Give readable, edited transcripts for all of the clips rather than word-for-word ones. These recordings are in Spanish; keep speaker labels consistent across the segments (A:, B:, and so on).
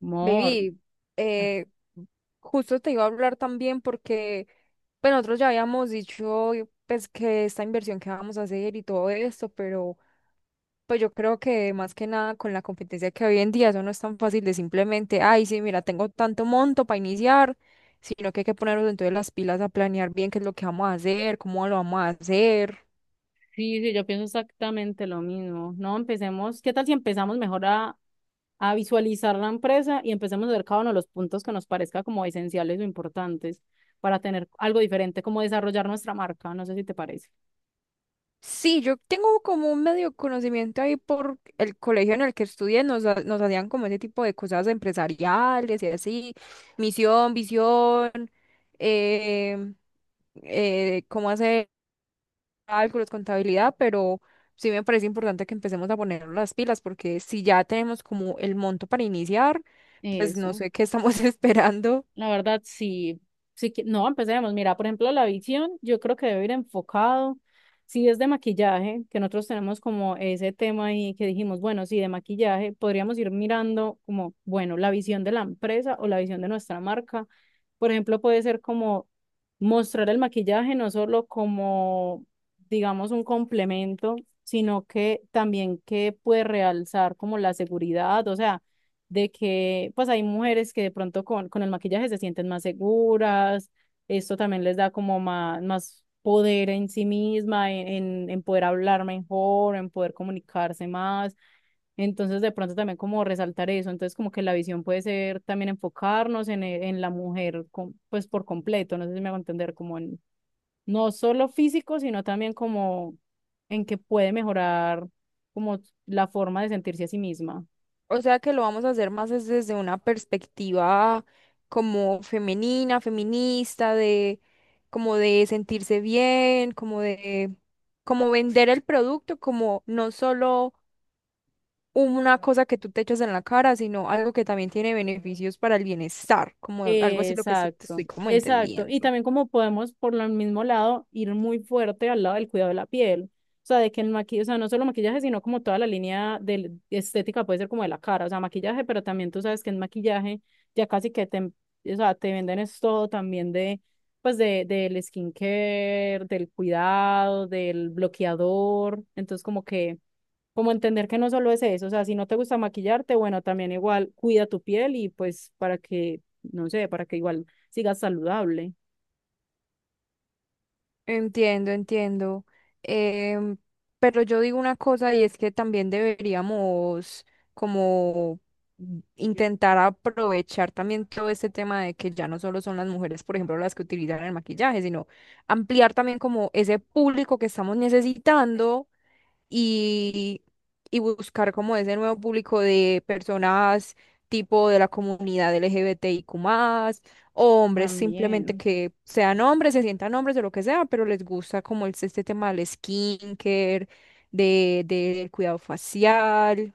A: Mor.
B: Baby,
A: Ah,
B: eh, justo te iba a hablar también porque pues, nosotros ya habíamos dicho pues que esta inversión que vamos a hacer y todo esto, pero pues yo creo que más que nada con la competencia que hoy en día eso no es tan fácil de simplemente, ay, sí, mira, tengo tanto monto para iniciar, sino que hay que ponernos entonces las pilas a planear bien qué es lo que vamos a hacer, cómo lo vamos a hacer.
A: sí, sí, yo pienso exactamente lo mismo. No, empecemos. ¿Qué tal si empezamos mejor a visualizar la empresa y empecemos a ver cada uno de los puntos que nos parezca como esenciales o importantes para tener algo diferente, como desarrollar nuestra marca? No sé si te parece.
B: Sí, yo tengo como un medio conocimiento ahí por el colegio en el que estudié, nos hacían como ese tipo de cosas empresariales y así, misión, visión, eh, cómo hacer cálculos, contabilidad, pero sí me parece importante que empecemos a poner las pilas porque si ya tenemos como el monto para iniciar, pues no
A: Eso.
B: sé qué estamos esperando.
A: La verdad, sí, sí que, no, empecemos. Mira, por ejemplo, la visión, yo creo que debe ir enfocado. Si es de maquillaje, que nosotros tenemos como ese tema ahí que dijimos, bueno, sí, de maquillaje, podríamos ir mirando como, bueno, la visión de la empresa o la visión de nuestra marca. Por ejemplo, puede ser como mostrar el maquillaje no solo como, digamos, un complemento, sino que también que puede realzar como la seguridad, o sea de que pues hay mujeres que de pronto con el maquillaje se sienten más seguras, esto también les da como más, más poder en sí misma, en poder hablar mejor, en poder comunicarse más, entonces de pronto también como resaltar eso, entonces como que la visión puede ser también enfocarnos en, e- en la mujer com- pues por completo, no sé si me hago entender, como en no solo físico, sino también como en que puede mejorar como la forma de sentirse a sí misma.
B: O sea que lo vamos a hacer más es desde una perspectiva como femenina, feminista, de como de sentirse bien, como de como vender el producto como no solo una cosa que tú te echas en la cara, sino algo que también tiene beneficios para el bienestar, como algo así lo que te
A: Exacto,
B: estoy como
A: exacto. Y
B: entendiendo.
A: también como podemos por el mismo lado ir muy fuerte al lado del cuidado de la piel. O sea, de que el maquillaje, o sea, no solo maquillaje, sino como toda la línea de estética puede ser como de la cara, o sea, maquillaje, pero también tú sabes que en maquillaje ya casi que te, o sea, te venden es todo también de, pues de, del skincare, del cuidado, del bloqueador. Entonces como que como entender que no solo es eso, o sea, si no te gusta maquillarte, bueno, también igual cuida tu piel y pues para que no sé, para que igual sigas saludable
B: Entiendo, entiendo. Em, pero yo digo una cosa y es que también deberíamos como intentar aprovechar también todo este tema de que ya no solo son las mujeres, por ejemplo, las que utilizan el maquillaje, sino ampliar también como ese público que estamos necesitando y, y buscar como ese nuevo público de personas tipo de la comunidad LGBTIQ+, o hombres simplemente
A: también.
B: que sean hombres, se sientan hombres o lo que sea, pero les gusta como este tema del skincare, del cuidado facial.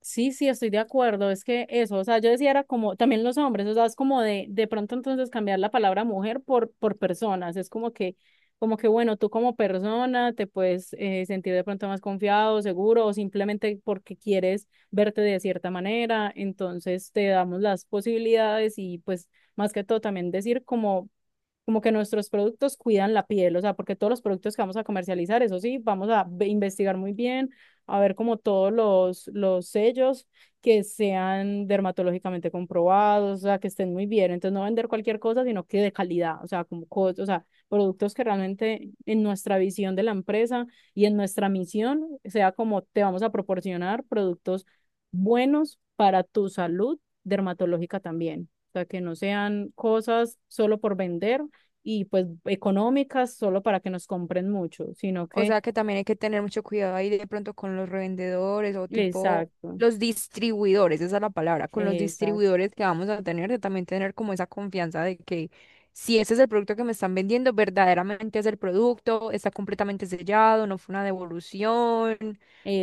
A: Sí, sí, estoy de acuerdo. Es que eso, o sea, yo decía era como también los hombres, o sea, es como de pronto entonces cambiar la palabra mujer por personas, es como que bueno, tú como persona te puedes sentir de pronto más confiado, seguro o simplemente porque quieres verte de cierta manera, entonces te damos las posibilidades y pues más que todo también decir como como que nuestros productos cuidan la piel, o sea, porque todos los productos que vamos a comercializar, eso sí, vamos a investigar muy bien, a ver como todos los sellos que sean dermatológicamente comprobados, o sea, que estén muy bien, entonces no vender cualquier cosa, sino que de calidad, o sea, como cos- o sea, productos que realmente en nuestra visión de la empresa y en nuestra misión sea como te vamos a proporcionar productos buenos para tu salud dermatológica también. O sea, que no sean cosas solo por vender, y pues económicas solo para que nos compren mucho, sino
B: O
A: que,
B: sea que también hay que tener mucho cuidado ahí de pronto con los revendedores o tipo
A: exacto,
B: los distribuidores, esa es la palabra, con los
A: exacto,
B: distribuidores que vamos a tener, de también tener como esa confianza de que si ese es el producto que me están vendiendo, verdaderamente es el producto, está completamente sellado, no fue una devolución,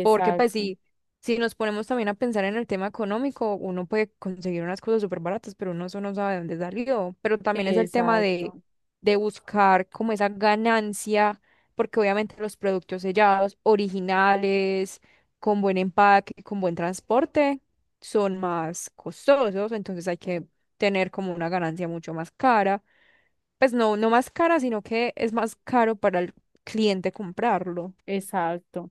B: porque pues sí si nos ponemos también a pensar en el tema económico, uno puede conseguir unas cosas súper baratas, pero uno eso no sabe de dónde salió, pero también es el tema de
A: exacto.
B: de buscar como esa ganancia porque obviamente los productos sellados, originales, con buen empaque, con buen transporte, son más costosos, entonces hay que tener como una ganancia mucho más cara. Pues no, no más cara, sino que es más caro para el cliente comprarlo.
A: Exacto.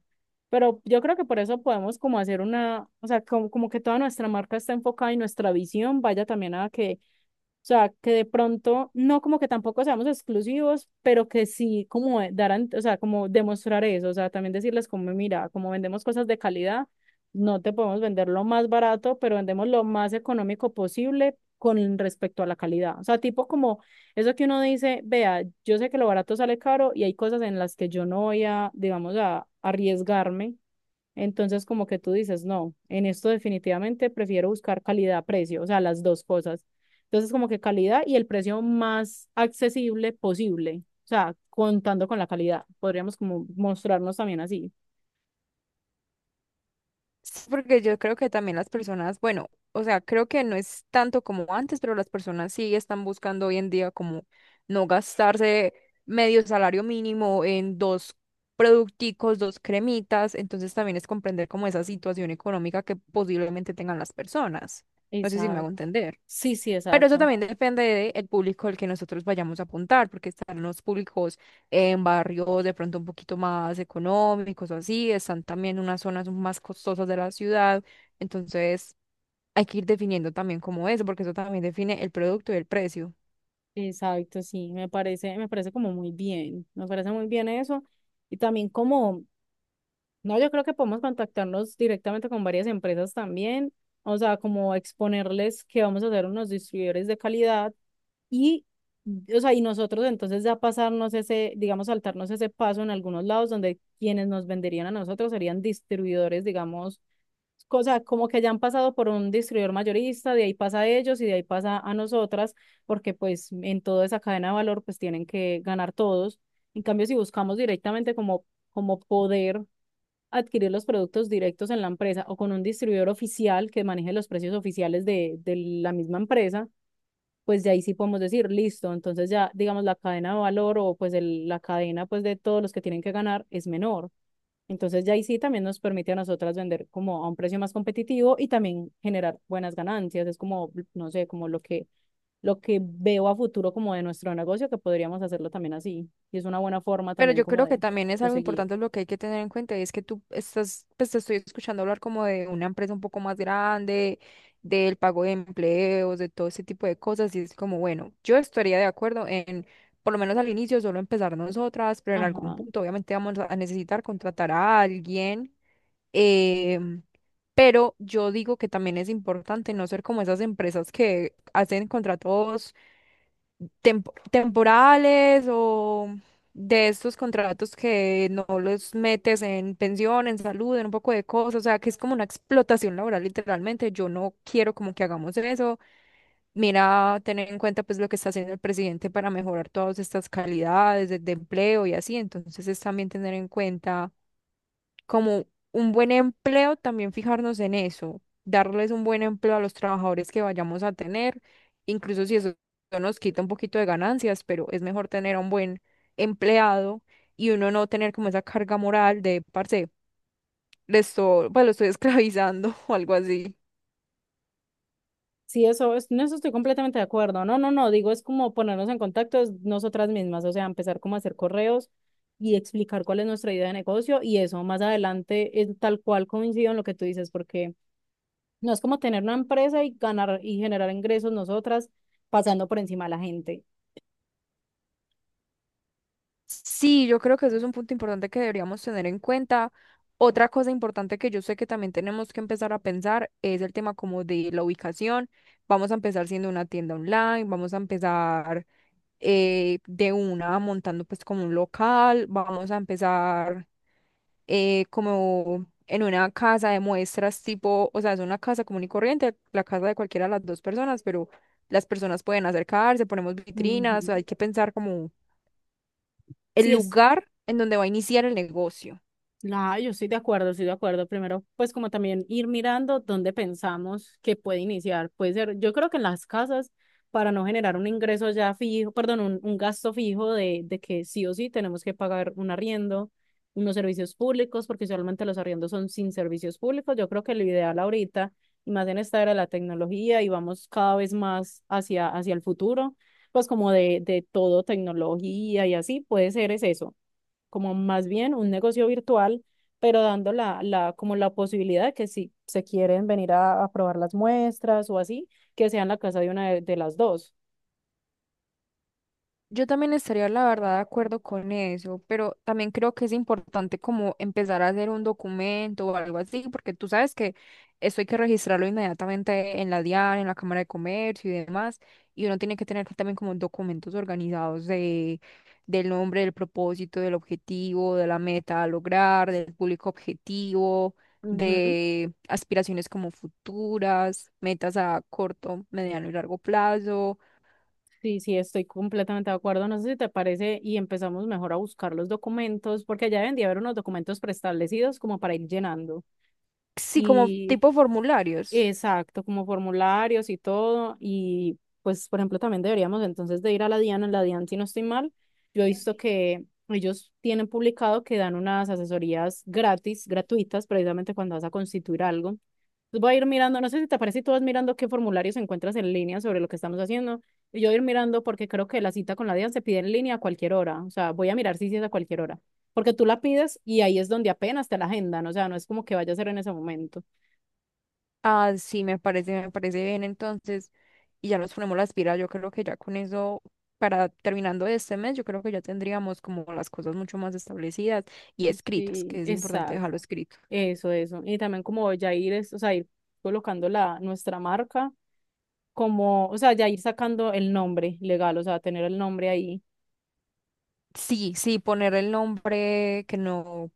A: Pero yo creo que por eso podemos como hacer una, o sea, como, como que toda nuestra marca está enfocada y nuestra visión vaya también a que, o sea, que de pronto, no como que tampoco seamos exclusivos, pero que sí como darán, o sea, como demostrar eso, o sea, también decirles como, mira, como vendemos cosas de calidad, no te podemos vender lo más barato, pero vendemos lo más económico posible con respecto a la calidad. O sea, tipo como eso que uno dice, vea, yo sé que lo barato sale caro y hay cosas en las que yo no voy a, digamos, a arriesgarme. Entonces, como que tú dices, no, en esto definitivamente prefiero buscar calidad-precio, o sea, las dos cosas. Entonces, como que calidad y el precio más accesible posible, o sea, contando con la calidad. Podríamos como mostrarnos también así.
B: Sí, porque yo creo que también las personas, bueno, o sea, creo que no es tanto como antes, pero las personas sí están buscando hoy en día como no gastarse medio salario mínimo en dos producticos, dos cremitas, entonces también es comprender como esa situación económica que posiblemente tengan las personas. No sé si me
A: Exacto.
B: hago entender.
A: Sí, sí,
B: Pero eso
A: exacto.
B: también depende del público al que nosotros vayamos a apuntar, porque están los públicos en barrios de pronto un poquito más económicos o así, están también unas zonas más costosas de la ciudad, entonces hay que ir definiendo también cómo es, porque eso también define el producto y el precio.
A: Exacto, sí, me parece como muy bien, me parece muy bien eso. Y también como no, yo creo que podemos contactarnos directamente con varias empresas también, o sea, como exponerles que vamos a ser unos distribuidores de calidad y, o sea, y nosotros entonces ya pasarnos ese, digamos, saltarnos ese paso en algunos lados donde quienes nos venderían a nosotros serían distribuidores, digamos, cosa como que ya han pasado por un distribuidor mayorista, de ahí pasa a ellos y de ahí pasa a nosotras, porque pues en toda esa cadena de valor pues tienen que ganar todos. En cambio, si buscamos directamente como, como poder adquirir los productos directos en la empresa o con un distribuidor oficial que maneje los precios oficiales de la misma empresa, pues de ahí sí podemos decir, listo, entonces ya digamos la cadena de valor o pues el- la cadena pues de todos los que tienen que ganar es menor. Entonces ya ahí sí también nos permite a nosotras vender como a un precio más competitivo y también generar buenas ganancias. Es como, no sé, como lo que veo a futuro como de nuestro negocio, que podríamos hacerlo también así. Y es una buena forma
B: Pero
A: también
B: yo
A: como
B: creo que también es
A: de
B: algo
A: seguir.
B: importante lo que hay que tener en cuenta, y es que tú estás, pues te estoy escuchando hablar como de una empresa un poco más grande, del pago de empleos, de todo ese tipo de cosas, y es como, bueno, yo estaría de acuerdo en, por lo menos al inicio, solo empezar nosotras, pero en algún
A: Ajá.
B: punto obviamente vamos a necesitar contratar a alguien. em, pero yo digo que también es importante no ser como esas empresas que hacen contratos temporales o de estos contratos que no los metes en pensión, en salud, en un poco de cosas, o sea, que es como una explotación laboral literalmente. Yo no quiero como que hagamos eso. Mira, tener en cuenta pues lo que está haciendo el presidente para mejorar todas estas calidades de empleo y así, entonces es también tener en cuenta como un buen empleo, también fijarnos en eso, darles un buen empleo a los trabajadores que vayamos a tener, incluso si eso nos quita un poquito de ganancias, pero es mejor tener a un buen empleado y uno no tener como esa carga moral de, parce, pues lo estoy esclavizando o algo así.
A: Sí, eso, es- en eso estoy completamente de acuerdo. No, no, no, digo, es como ponernos en contacto es nosotras mismas, o sea, empezar como a hacer correos y explicar cuál es nuestra idea de negocio y eso más adelante es tal cual coincido en lo que tú dices, porque no es como tener una empresa y ganar y generar ingresos nosotras pasando por encima de la gente.
B: Sí, yo creo que eso es un punto importante que deberíamos tener en cuenta. Otra cosa importante que yo sé que también tenemos que empezar a pensar es el tema como de la ubicación. Vamos a empezar siendo una tienda online, vamos a empezar de una montando pues como un local, vamos a empezar como en una casa de muestras tipo, o sea, es una casa común y corriente, la casa de cualquiera de las dos personas, pero las personas pueden acercarse, ponemos vitrinas,
A: Ujú.
B: hay que pensar como el
A: Sí, es
B: lugar en donde va a iniciar el negocio.
A: la, yo estoy de acuerdo, estoy de acuerdo. Primero, pues como también ir mirando dónde pensamos que puede iniciar. Puede ser, yo creo que en las casas, para no generar un ingreso ya fijo, perdón, un gasto fijo de que sí o sí tenemos que pagar un arriendo, unos servicios públicos, porque usualmente los arriendos son sin servicios públicos. Yo creo que lo ideal ahorita, y más en esta era de la tecnología, y vamos cada vez más hacia, hacia el futuro, pues como de todo tecnología y así, puede ser es eso como más bien un negocio virtual, pero dando la, como la posibilidad de que si se quieren venir a probar las muestras o así, que sea en la casa de una de las dos.
B: Yo también estaría, la verdad, de acuerdo con eso, pero también creo que es importante como empezar a hacer un documento o algo así, porque tú sabes que esto hay que registrarlo inmediatamente en la DIAN, en la Cámara de Comercio y demás, y uno tiene que tener también como documentos organizados del nombre, del propósito, del objetivo, de la meta a lograr, del público objetivo,
A: Ujú.
B: de aspiraciones como futuras, metas a corto, mediano y largo plazo.
A: Sí, sí, estoy completamente de acuerdo. No sé si te parece y empezamos mejor a buscar los documentos, porque ya deben de haber unos documentos preestablecidos como para ir llenando.
B: Sí, como
A: Y
B: tipo formularios.
A: exacto, como formularios y todo. Y pues, por ejemplo, también deberíamos entonces de ir a la DIAN. En la DIAN, si no estoy mal, yo he visto que ellos tienen publicado que dan unas asesorías gratis, gratuitas, precisamente cuando vas a constituir algo. Entonces voy a ir mirando, no sé si te parece, si tú vas mirando qué formularios encuentras en línea sobre lo que estamos haciendo. Y yo voy a ir mirando porque creo que la cita con la DIAN se pide en línea a cualquier hora. O sea, voy a mirar si sí es a cualquier hora. Porque tú la pides y ahí es donde apenas te la agendan. O sea, no es como que vaya a ser en ese momento.
B: Ah, sí, me parece bien entonces. Y ya nos ponemos las pilas. Yo creo que ya con eso, para terminando este mes, yo creo que ya tendríamos como las cosas mucho más establecidas y escritas,
A: Sí,
B: que es importante
A: exacto.
B: dejarlo escrito.
A: Eso, eso. Y también como ya ir, es, o sea, ir colocando la, nuestra marca, como, o sea, ya ir sacando el nombre legal, o sea, tener el nombre ahí.
B: Sí, sí, poner el nombre,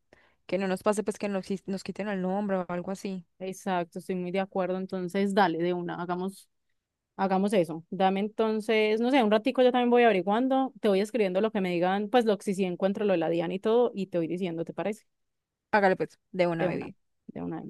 B: que no nos pase, pues que nos, nos quiten el nombre o algo así.
A: Exacto, estoy muy de acuerdo. Entonces, dale, de una, hagamos, hagamos eso. Dame entonces, no sé, un ratico yo también voy averiguando, te voy escribiendo lo que me digan, pues lo que si sí encuentro lo de la DIAN y todo, y te voy diciendo, ¿te parece?
B: Hágale pues, de
A: De
B: una
A: una,
B: bebida.
A: de una.